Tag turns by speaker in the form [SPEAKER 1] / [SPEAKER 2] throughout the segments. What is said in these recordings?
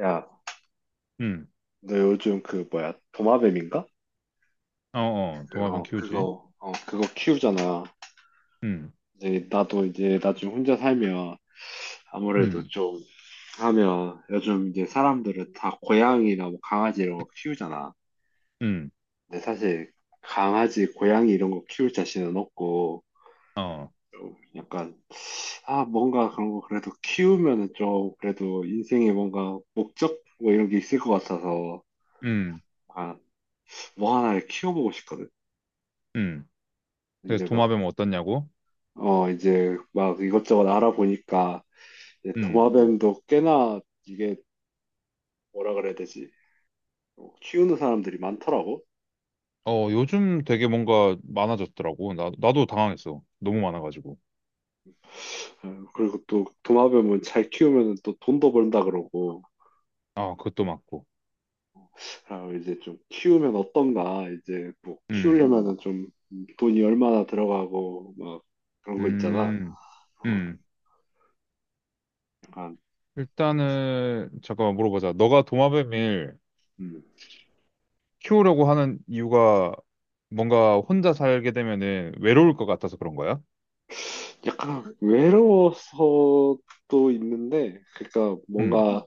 [SPEAKER 1] 야,
[SPEAKER 2] 음,
[SPEAKER 1] 너 요즘 그 뭐야 도마뱀인가?
[SPEAKER 2] 어, 어, 도마뱀
[SPEAKER 1] 그거
[SPEAKER 2] 키우지.
[SPEAKER 1] 그거 어 그거 키우잖아.
[SPEAKER 2] 음,
[SPEAKER 1] 이제 나도 이제 나중에 혼자 살면 아무래도
[SPEAKER 2] 음,
[SPEAKER 1] 좀 하면 요즘 이제 사람들은 다 고양이나 뭐 강아지 이런 거 키우잖아.
[SPEAKER 2] 음,
[SPEAKER 1] 근데 사실 강아지, 고양이 이런 거 키울 자신은 없고
[SPEAKER 2] 어,
[SPEAKER 1] 좀 약간 아 뭔가 그런 거 그래도 키우면은 좀 그래도 인생에 뭔가 목적 뭐 이런 게 있을 것 같아서
[SPEAKER 2] 음,
[SPEAKER 1] 아 뭐 하나를 키워보고 싶거든.
[SPEAKER 2] 음. 그래서
[SPEAKER 1] 이제 막
[SPEAKER 2] 도마뱀 어떻냐고?
[SPEAKER 1] 이제 막 이것저것 알아보니까 이제
[SPEAKER 2] 음,
[SPEAKER 1] 도마뱀도 꽤나 이게 뭐라 그래야 되지? 키우는 사람들이 많더라고.
[SPEAKER 2] 어, 요즘 되게 뭔가 많아졌더라고. 나도 당황했어. 너무 많아가지고.
[SPEAKER 1] 어, 그리고 또 도마뱀은 잘 키우면 또 돈도 번다 그러고.
[SPEAKER 2] 아, 그것도 맞고.
[SPEAKER 1] 아, 이제 좀 키우면 어떤가? 이제 뭐
[SPEAKER 2] 음,
[SPEAKER 1] 키우려면은 좀 돈이 얼마나 들어가고 막 그런 거 있잖아.
[SPEAKER 2] 음,
[SPEAKER 1] 어,
[SPEAKER 2] 음.
[SPEAKER 1] 약간
[SPEAKER 2] 일단은, 잠깐만 물어보자. 너가 도마뱀을
[SPEAKER 1] 음,
[SPEAKER 2] 키우려고 하는 이유가 뭔가 혼자 살게 되면은 외로울 것 같아서 그런 거야?
[SPEAKER 1] 약간 외로워서 도 있는데, 그러니까
[SPEAKER 2] 음,
[SPEAKER 1] 뭔가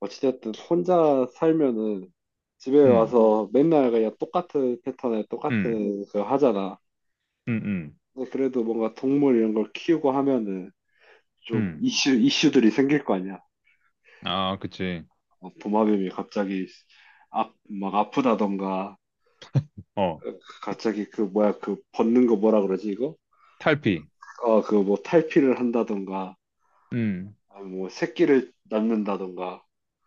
[SPEAKER 1] 어찌됐든 혼자 살면은 집에
[SPEAKER 2] 음,
[SPEAKER 1] 와서 맨날 그냥 똑같은 패턴에
[SPEAKER 2] 음,
[SPEAKER 1] 똑같은 그 하잖아.
[SPEAKER 2] 음, 음,
[SPEAKER 1] 근데 그래도 뭔가 동물 이런 걸 키우고 하면은 좀
[SPEAKER 2] 음.
[SPEAKER 1] 이슈들이 생길 거 아니야.
[SPEAKER 2] 아, 그치.
[SPEAKER 1] 도마뱀이 갑자기 아, 막 아프다던가
[SPEAKER 2] 어.
[SPEAKER 1] 갑자기 그 뭐야 그 벗는 거 뭐라 그러지 이거?
[SPEAKER 2] 탈피.
[SPEAKER 1] 그 뭐 탈피를 한다던가
[SPEAKER 2] 음,
[SPEAKER 1] 아, 뭐 새끼를 낳는다던가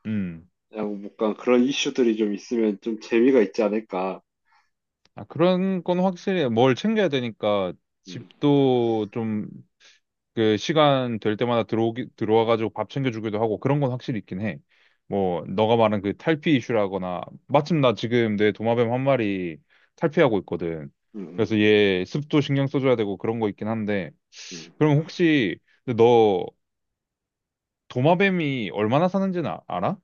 [SPEAKER 2] 음.
[SPEAKER 1] 그냥 뭔가 그런 이슈들이 좀 있으면 좀 재미가 있지 않을까.
[SPEAKER 2] 아, 그런 건 확실히 뭘 챙겨야 되니까
[SPEAKER 1] 음,
[SPEAKER 2] 집도 좀 그 시간 될 때마다 들어오기, 들어와가지고 밥 챙겨주기도 하고 그런 건 확실히 있긴 해. 뭐, 너가 말한 그 탈피 이슈라거나 마침 나 지금 내 도마뱀 한 마리 탈피하고 있거든.
[SPEAKER 1] 음, 음,
[SPEAKER 2] 그래서 얘 습도 신경 써줘야 되고 그런 거 있긴 한데
[SPEAKER 1] 음.
[SPEAKER 2] 그럼 혹시 근데 너 도마뱀이 얼마나 사는지는 알아?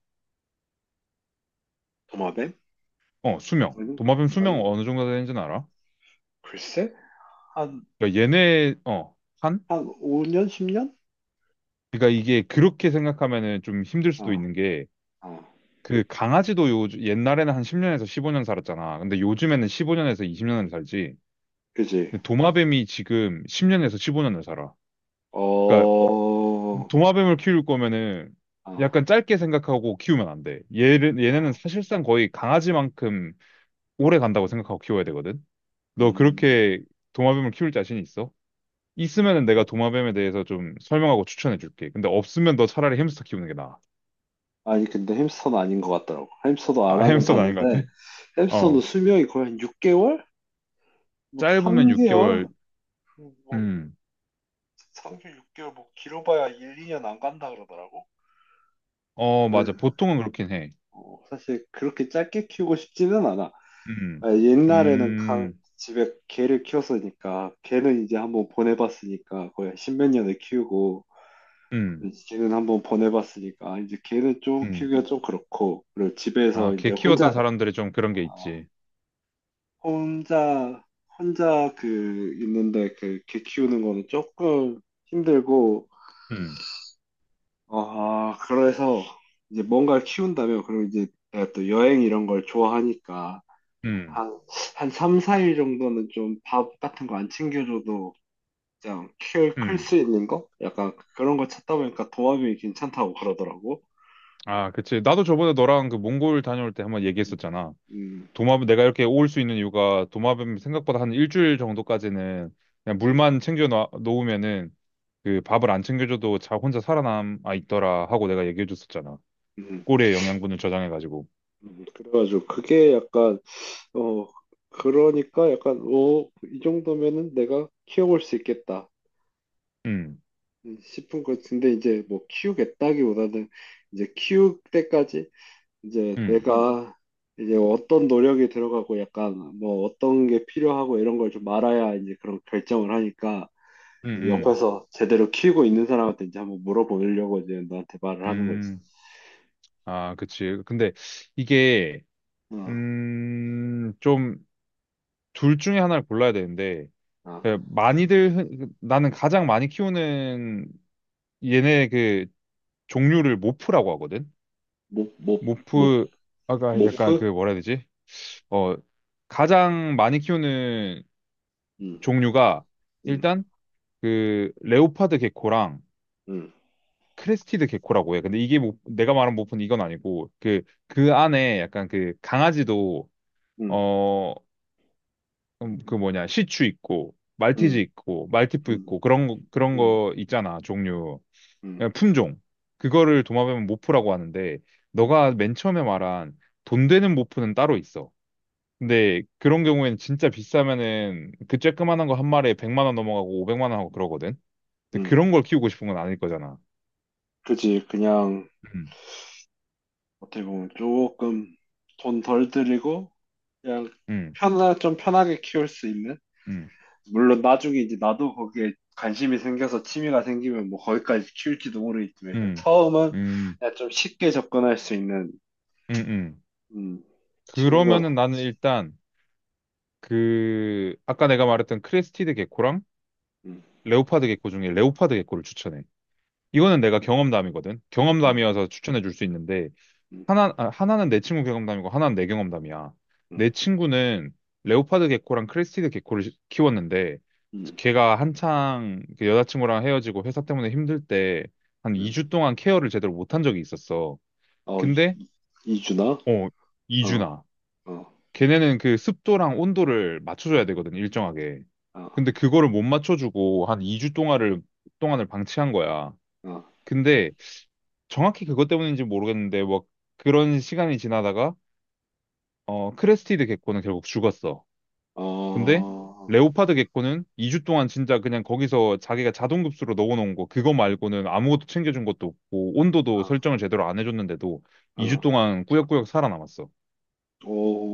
[SPEAKER 1] 도마뱀?
[SPEAKER 2] 어, 수명.
[SPEAKER 1] 아니,
[SPEAKER 2] 도마뱀 수명
[SPEAKER 1] 아니,
[SPEAKER 2] 어느 정도 되는지는 알아?
[SPEAKER 1] 글쎄? 한,
[SPEAKER 2] 그러니까 얘네, 어. 한?
[SPEAKER 1] 한 5년, 10년?
[SPEAKER 2] 그러니까 이게 그렇게 생각하면은 좀 힘들 수도
[SPEAKER 1] 아
[SPEAKER 2] 있는 게
[SPEAKER 1] 아,
[SPEAKER 2] 그 강아지도 요 옛날에는 한 10년에서 15년 살았잖아. 근데 요즘에는 15년에서 20년을 살지.
[SPEAKER 1] 그지.
[SPEAKER 2] 근데 도마뱀이 지금 10년에서 15년을 살아. 그러니까
[SPEAKER 1] 어,
[SPEAKER 2] 도마뱀을 키울 거면은
[SPEAKER 1] 아
[SPEAKER 2] 약간 짧게 생각하고 키우면 안 돼. 얘를 얘네는
[SPEAKER 1] 아
[SPEAKER 2] 사실상 거의 강아지만큼 오래 간다고 생각하고 키워야 되거든. 너
[SPEAKER 1] 음.
[SPEAKER 2] 그렇게 도마뱀을 키울 자신 있어? 있으면은 내가 도마뱀에 대해서 좀 설명하고 추천해 줄게. 근데 없으면 너 차라리 햄스터 키우는 게 나아.
[SPEAKER 1] 아니, 근데 햄스터는 아닌 것 같더라고. 햄스터도
[SPEAKER 2] 아,
[SPEAKER 1] 알아는 그래요?
[SPEAKER 2] 햄스터는 아닌 것
[SPEAKER 1] 봤는데,
[SPEAKER 2] 같아.
[SPEAKER 1] 햄스터는
[SPEAKER 2] 어,
[SPEAKER 1] 수명이 거의 한 6개월? 막
[SPEAKER 2] 짧으면
[SPEAKER 1] 3개월?
[SPEAKER 2] 6개월.
[SPEAKER 1] 뭐,
[SPEAKER 2] 음.
[SPEAKER 1] 3개월, 6개월, 뭐, 길어봐야 1, 2년 안 간다 그러더라고.
[SPEAKER 2] 어,
[SPEAKER 1] 네.
[SPEAKER 2] 맞아. 보통은 그렇긴 해.
[SPEAKER 1] 사실 그렇게 짧게 키우고 싶지는 않아.
[SPEAKER 2] 음.
[SPEAKER 1] 아, 옛날에는
[SPEAKER 2] 음.
[SPEAKER 1] 집에 개를 키웠으니까 개는 이제 한번 보내봤으니까 거의 십몇 년을 키우고
[SPEAKER 2] 음.
[SPEAKER 1] 이제 개는 한번 보내봤으니까 이제 개는 좀
[SPEAKER 2] 음.
[SPEAKER 1] 키우기가 좀 그렇고 그리고 집에서
[SPEAKER 2] 아, 개
[SPEAKER 1] 이제
[SPEAKER 2] 키웠던
[SPEAKER 1] 혼자
[SPEAKER 2] 사람들이 좀 그런
[SPEAKER 1] 아,
[SPEAKER 2] 게 있지.
[SPEAKER 1] 혼자 혼자 그 있는데 그 개 키우는 거는 조금 힘들고
[SPEAKER 2] 음.
[SPEAKER 1] 아 그래서 이제 뭔가를 키운다면 그리고 이제 내가 또 여행 이런 걸 좋아하니까
[SPEAKER 2] 음.
[SPEAKER 1] 한 한 3, 4일 정도는 좀 밥 같은 거 안 챙겨줘도 그냥
[SPEAKER 2] 음.
[SPEAKER 1] 클수 있는 거? 약간 그런 거 찾다 보니까 도마뱀이 괜찮다고 그러더라고.
[SPEAKER 2] 아, 그치. 나도 저번에 너랑 그 몽골 다녀올 때 한번 얘기했었잖아.
[SPEAKER 1] 음,
[SPEAKER 2] 도마뱀 내가 이렇게 올 수 있는 이유가 도마뱀 생각보다 한 일주일 정도까지는 그냥
[SPEAKER 1] 음,
[SPEAKER 2] 물만 챙겨 놓으면은 그 밥을 안 챙겨줘도 자 혼자 살아남아 있더라 하고 내가 얘기해줬었잖아.
[SPEAKER 1] 음,
[SPEAKER 2] 꼬리에 영양분을 저장해가지고.
[SPEAKER 1] 그래가지고 그게 약간 어 그러니까 약간 오, 이 정도면은 내가 키워볼 수 있겠다
[SPEAKER 2] 음.
[SPEAKER 1] 싶은 거 근데 이제 뭐 키우겠다기보다는 이제 키울 때까지 이제
[SPEAKER 2] 음.
[SPEAKER 1] 내가 이제 어떤 노력이 들어가고 약간 뭐 어떤 게 필요하고 이런 걸 좀 알아야 이제 그런 결정을 하니까
[SPEAKER 2] 음.
[SPEAKER 1] 이제
[SPEAKER 2] 음.
[SPEAKER 1] 옆에서 제대로 키우고 있는 사람한테 이제 한번 물어보려고 이제 너한테 말을 하는 거지.
[SPEAKER 2] 음, 아, 그치. 근데 이게,
[SPEAKER 1] 어,
[SPEAKER 2] 좀, 둘 중에 하나를 골라야 되는데,
[SPEAKER 1] 아,
[SPEAKER 2] 그 많이들, 그 나는 가장 많이 키우는 얘네 그 종류를 모프라고 하거든?
[SPEAKER 1] 모, 모, 모,
[SPEAKER 2] 모프, 아까 약간 그
[SPEAKER 1] 모프?
[SPEAKER 2] 뭐라 해야 되지? 어, 가장 많이 키우는
[SPEAKER 1] 응,
[SPEAKER 2] 종류가
[SPEAKER 1] 응,
[SPEAKER 2] 일단 그 레오파드 개코랑
[SPEAKER 1] 응,
[SPEAKER 2] 크레스티드 개코라고 해. 근데 이게 모, 내가 말한 모프는 이건 아니고, 그, 그 안에 약간 그 강아지도
[SPEAKER 1] 응,
[SPEAKER 2] 어, 그 뭐냐 시추 있고 말티즈
[SPEAKER 1] 응,
[SPEAKER 2] 있고 말티푸
[SPEAKER 1] 응,
[SPEAKER 2] 있고 그런 거, 그런
[SPEAKER 1] 응,
[SPEAKER 2] 거 있잖아 종류
[SPEAKER 1] 응,
[SPEAKER 2] 그냥 품종 그거를 도마뱀은 모프라고 하는데 너가 맨 처음에 말한 돈 되는 모프는 따로 있어. 근데 그런 경우에는 진짜 비싸면은 그 쬐끄만한 거 한 마리에 100만 원 넘어가고 500만 원 하고 그러거든. 근데
[SPEAKER 1] 응.
[SPEAKER 2] 그런 걸 키우고 싶은 건 아닐 거잖아.
[SPEAKER 1] 그지, 그냥,
[SPEAKER 2] 음,
[SPEAKER 1] 어떻게 보면 조금 돈 덜 들이고, 그냥
[SPEAKER 2] 음,
[SPEAKER 1] 좀 편하게 키울 수 있는?
[SPEAKER 2] 음,
[SPEAKER 1] 물론 나중에 이제 나도 거기에 관심이 생겨서 취미가 생기면 뭐 거기까지 키울지도 모르겠지만, 일단
[SPEAKER 2] 음,
[SPEAKER 1] 처음은
[SPEAKER 2] 음,
[SPEAKER 1] 그냥 좀 쉽게 접근할 수 있는
[SPEAKER 2] 음, 음.
[SPEAKER 1] 음, 친구가,
[SPEAKER 2] 그러면은 나는 일단 그 아까 내가 말했던 크레스티드 개코랑
[SPEAKER 1] 음,
[SPEAKER 2] 레오파드 개코 중에 레오파드 개코를 추천해. 이거는 내가 경험담이거든.
[SPEAKER 1] 음,
[SPEAKER 2] 경험담이어서 추천해 줄 수 있는데
[SPEAKER 1] 음,
[SPEAKER 2] 하나 아, 하나는 내 친구 경험담이고 하나는 내 경험담이야.
[SPEAKER 1] 음,
[SPEAKER 2] 내 친구는 레오파드 개코랑 크레스티드 개코를 키웠는데
[SPEAKER 1] 음,
[SPEAKER 2] 걔가 한창 그 여자친구랑 헤어지고 회사 때문에 힘들 때 한
[SPEAKER 1] 음.
[SPEAKER 2] 2주 동안 케어를 제대로 못한 적이 있었어.
[SPEAKER 1] 어,
[SPEAKER 2] 근데
[SPEAKER 1] 이준아?
[SPEAKER 2] 어
[SPEAKER 1] 어,
[SPEAKER 2] 2주나
[SPEAKER 1] 어,
[SPEAKER 2] 걔네는 그 습도랑 온도를 맞춰줘야 되거든 일정하게.
[SPEAKER 1] 어,
[SPEAKER 2] 근데 그거를 못 맞춰주고 한 2주 동안을 방치한 거야.
[SPEAKER 1] 어,
[SPEAKER 2] 근데 정확히 그것 때문인지 모르겠는데 뭐 그런 시간이 지나다가 크레스티드 개코는 결국 죽었어.
[SPEAKER 1] 어,
[SPEAKER 2] 근데
[SPEAKER 1] 어,
[SPEAKER 2] 레오파드 개코는 2주 동안 진짜 그냥 거기서 자기가 자동급수로 넣어놓은 거 그거 말고는 아무것도 챙겨준 것도 없고 온도도
[SPEAKER 1] 어,
[SPEAKER 2] 설정을 제대로 안 해줬는데도 2주
[SPEAKER 1] 어,
[SPEAKER 2] 동안 꾸역꾸역 살아남았어.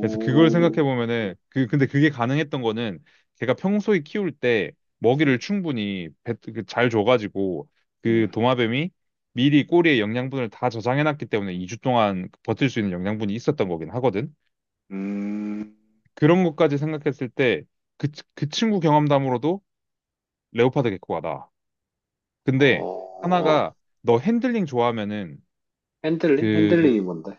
[SPEAKER 2] 그래서 그걸 생각해 보면은 그 근데 그게 가능했던 거는 걔가 평소에 키울 때 먹이를
[SPEAKER 1] 음,
[SPEAKER 2] 충분히 그잘 줘가지고 그
[SPEAKER 1] 음,
[SPEAKER 2] 도마뱀이 미리 꼬리에 영양분을 다 저장해 놨기 때문에 2주 동안 버틸 수 있는 영양분이 있었던 거긴 하거든.
[SPEAKER 1] 음,
[SPEAKER 2] 그런 것까지 생각했을 때 그 그 친구 경험담으로도 레오파드 개코가 나.
[SPEAKER 1] 어,
[SPEAKER 2] 근데
[SPEAKER 1] 어.
[SPEAKER 2] 하나가 너 핸들링 좋아하면은
[SPEAKER 1] 핸들링?
[SPEAKER 2] 그
[SPEAKER 1] 핸들링이 뭔데?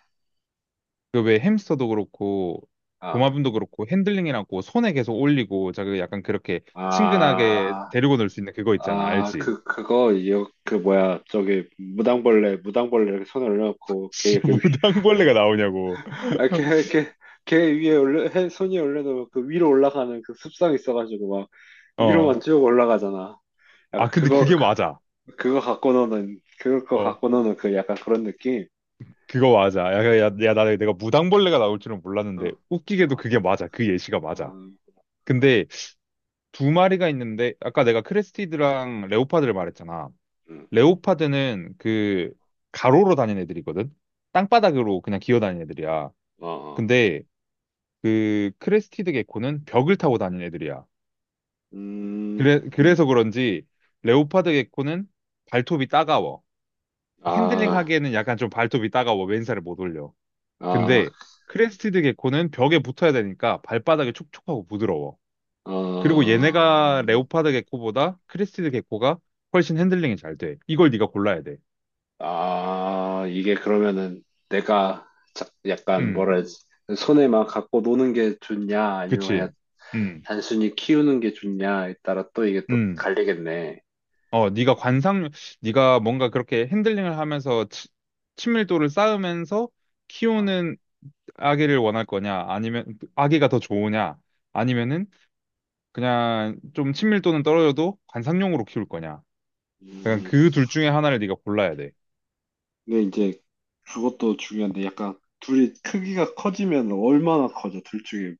[SPEAKER 2] 그 왜 햄스터도 그렇고
[SPEAKER 1] 아,
[SPEAKER 2] 도마뱀도 그렇고 핸들링이라고 손에 계속 올리고 자그 약간 그렇게 친근하게
[SPEAKER 1] 아,
[SPEAKER 2] 데리고 놀 수 있는 그거 있잖아
[SPEAKER 1] 아,
[SPEAKER 2] 알지?
[SPEAKER 1] 그거, 그, 뭐야, 저기, 무당벌레, 무당벌레 이렇게 손을 올고걔 이렇게
[SPEAKER 2] 무당벌레가 나오냐고
[SPEAKER 1] 아, 걔 위에 올려, 해, 손이 올려도 그 위로 올라가는 그 습성 있어가지고 막
[SPEAKER 2] 어
[SPEAKER 1] 위로만 쭉 올라가잖아. 약간
[SPEAKER 2] 근데 그게 맞아
[SPEAKER 1] 그거 갖고 노는, 그거
[SPEAKER 2] 어
[SPEAKER 1] 갖고 노는 그 약간 그런 느낌?
[SPEAKER 2] 그거 맞아 야야야 나 내가 무당벌레가 나올 줄은
[SPEAKER 1] 응.
[SPEAKER 2] 몰랐는데 웃기게도
[SPEAKER 1] 아,
[SPEAKER 2] 그게 맞아 그 예시가 맞아
[SPEAKER 1] 음,
[SPEAKER 2] 근데 두 마리가 있는데 아까 내가 크레스티드랑 레오파드를 말했잖아
[SPEAKER 1] 음,
[SPEAKER 2] 레오파드는 그 가로로 다니는 애들이거든 땅바닥으로 그냥 기어다니는 애들이야
[SPEAKER 1] 어, 어.
[SPEAKER 2] 근데 그 크레스티드 개코는 벽을 타고 다니는 애들이야.
[SPEAKER 1] 음,
[SPEAKER 2] 그래,
[SPEAKER 1] 음.
[SPEAKER 2] 그래서 그런지 레오파드 개코는 발톱이 따가워. 핸들링
[SPEAKER 1] 아,
[SPEAKER 2] 하기에는 약간 좀 발톱이 따가워. 왼살을 못 올려.
[SPEAKER 1] 아,
[SPEAKER 2] 근데 크레스티드 개코는 벽에 붙어야 되니까 발바닥이 촉촉하고 부드러워. 그리고
[SPEAKER 1] 어,
[SPEAKER 2] 얘네가 레오파드 개코보다 크레스티드 개코가 훨씬 핸들링이 잘 돼. 이걸 네가 골라야 돼.
[SPEAKER 1] 아, 이게 그러면은 내가 약간
[SPEAKER 2] 음,
[SPEAKER 1] 뭐라 해야지, 손에 막 갖고 노는 게 좋냐, 아니면 그냥
[SPEAKER 2] 그치. 음,
[SPEAKER 1] 단순히 키우는 게 좋냐에 따라 또 이게 또
[SPEAKER 2] 음.
[SPEAKER 1] 갈리겠네.
[SPEAKER 2] 어, 네가 관상, 네가 뭔가 그렇게 핸들링을 하면서 친밀도를 쌓으면서
[SPEAKER 1] 아,
[SPEAKER 2] 키우는 아기를 원할 거냐, 아니면 아기가 더 좋으냐, 아니면은 그냥 좀 친밀도는 떨어져도 관상용으로 키울 거냐. 그냥
[SPEAKER 1] 음,
[SPEAKER 2] 그 둘 중에 하나를 네가 골라야 돼.
[SPEAKER 1] 근데 이제 그것도 중요한데 약간 둘이 크기가 커지면 얼마나 커져? 둘 중에서.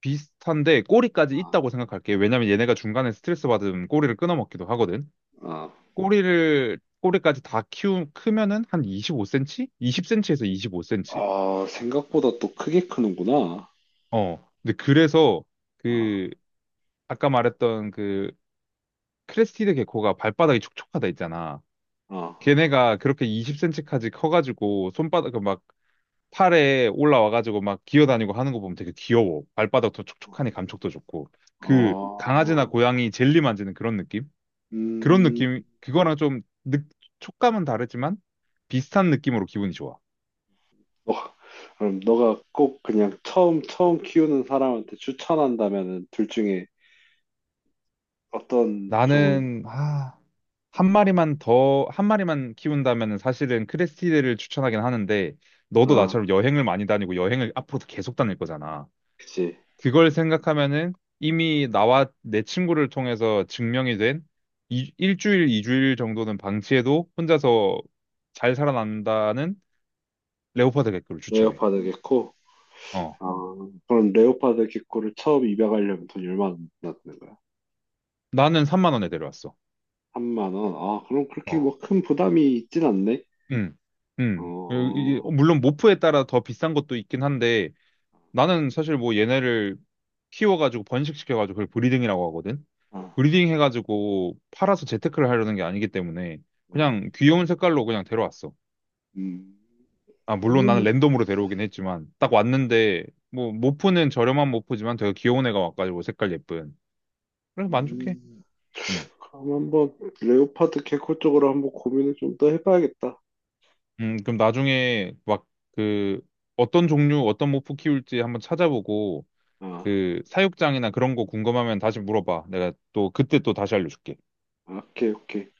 [SPEAKER 2] 비슷한데 꼬리까지
[SPEAKER 1] 아,
[SPEAKER 2] 있다고 생각할게. 왜냐면 얘네가 중간에 스트레스 받으면 꼬리를 끊어먹기도 하거든.
[SPEAKER 1] 아,
[SPEAKER 2] 꼬리를 꼬리까지 다 키우 크면은 한 25cm? 20cm에서 25cm.
[SPEAKER 1] 아, 생각보다 또 크게 크는구나.
[SPEAKER 2] 어. 근데 그래서
[SPEAKER 1] 아,
[SPEAKER 2] 그 아까 말했던 그 크레스티드 개코가 발바닥이 촉촉하다 있잖아.
[SPEAKER 1] 아,
[SPEAKER 2] 걔네가 그렇게 20cm까지 커가지고 손바닥 그 막 팔에 올라와가지고 막 기어다니고 하는 거 보면 되게 귀여워. 발바닥도 촉촉하니 감촉도 좋고.
[SPEAKER 1] 아,
[SPEAKER 2] 그 강아지나 고양이 젤리 만지는 그런 느낌? 그런
[SPEAKER 1] 음,
[SPEAKER 2] 느낌, 그거랑 좀 느, 촉감은 다르지만 비슷한 느낌으로 기분이 좋아.
[SPEAKER 1] 너가, 그럼 너가 꼭 그냥 처음 키우는 사람한테 추천한다면은 둘 중에 어떤 종을,
[SPEAKER 2] 나는, 아, 한 마리만 키운다면 사실은 크레스티드를 추천하긴 하는데, 너도
[SPEAKER 1] 아,
[SPEAKER 2] 나처럼 여행을 많이 다니고 여행을 앞으로도 계속 다닐 거잖아.
[SPEAKER 1] 그치.
[SPEAKER 2] 그걸 생각하면은 이미 나와 내 친구를 통해서 증명이 된 일주일, 이주일 정도는 방치해도 혼자서 잘 살아난다는 레오파드 개크를 추천해.
[SPEAKER 1] 레오파드겠고,
[SPEAKER 2] 어.
[SPEAKER 1] 아, 그럼 레오파드 개코를 처음 입양하려면 돈이 얼마나 드는 거야?
[SPEAKER 2] 나는 3만 원에 데려왔어.
[SPEAKER 1] 3만 원. 아, 그럼 그렇게
[SPEAKER 2] 어.
[SPEAKER 1] 뭐 큰 부담이 있진 않네.
[SPEAKER 2] 음. 음.
[SPEAKER 1] 어,
[SPEAKER 2] 물론 모프에 따라 더 비싼 것도 있긴 한데, 나는 사실 뭐 얘네를 키워가지고 번식시켜가지고 그걸 브리딩이라고 하거든.
[SPEAKER 1] 아,
[SPEAKER 2] 브리딩 해가지고 팔아서 재테크를 하려는 게 아니기 때문에
[SPEAKER 1] 음,
[SPEAKER 2] 그냥 귀여운 색깔로 그냥 데려왔어.
[SPEAKER 1] 음.
[SPEAKER 2] 아, 물론 나는
[SPEAKER 1] 그러면,
[SPEAKER 2] 랜덤으로 데려오긴 했지만 딱 왔는데 뭐 모프는 저렴한 모프지만 되게 귀여운 애가 와가지고 색깔 예쁜. 그래서 만족해.
[SPEAKER 1] 음,
[SPEAKER 2] 음.
[SPEAKER 1] 그럼 한번 레오파드 개코 쪽으로 한번 고민을 좀 더 해봐야겠다.
[SPEAKER 2] 그럼 나중에 막 그 어떤 종류, 어떤 모프 키울지 한번 찾아보고
[SPEAKER 1] 아,
[SPEAKER 2] 그 사육장이나 그런 거 궁금하면 다시 물어봐. 내가 또 그때 또 다시 알려줄게.
[SPEAKER 1] 오케이, 오케이.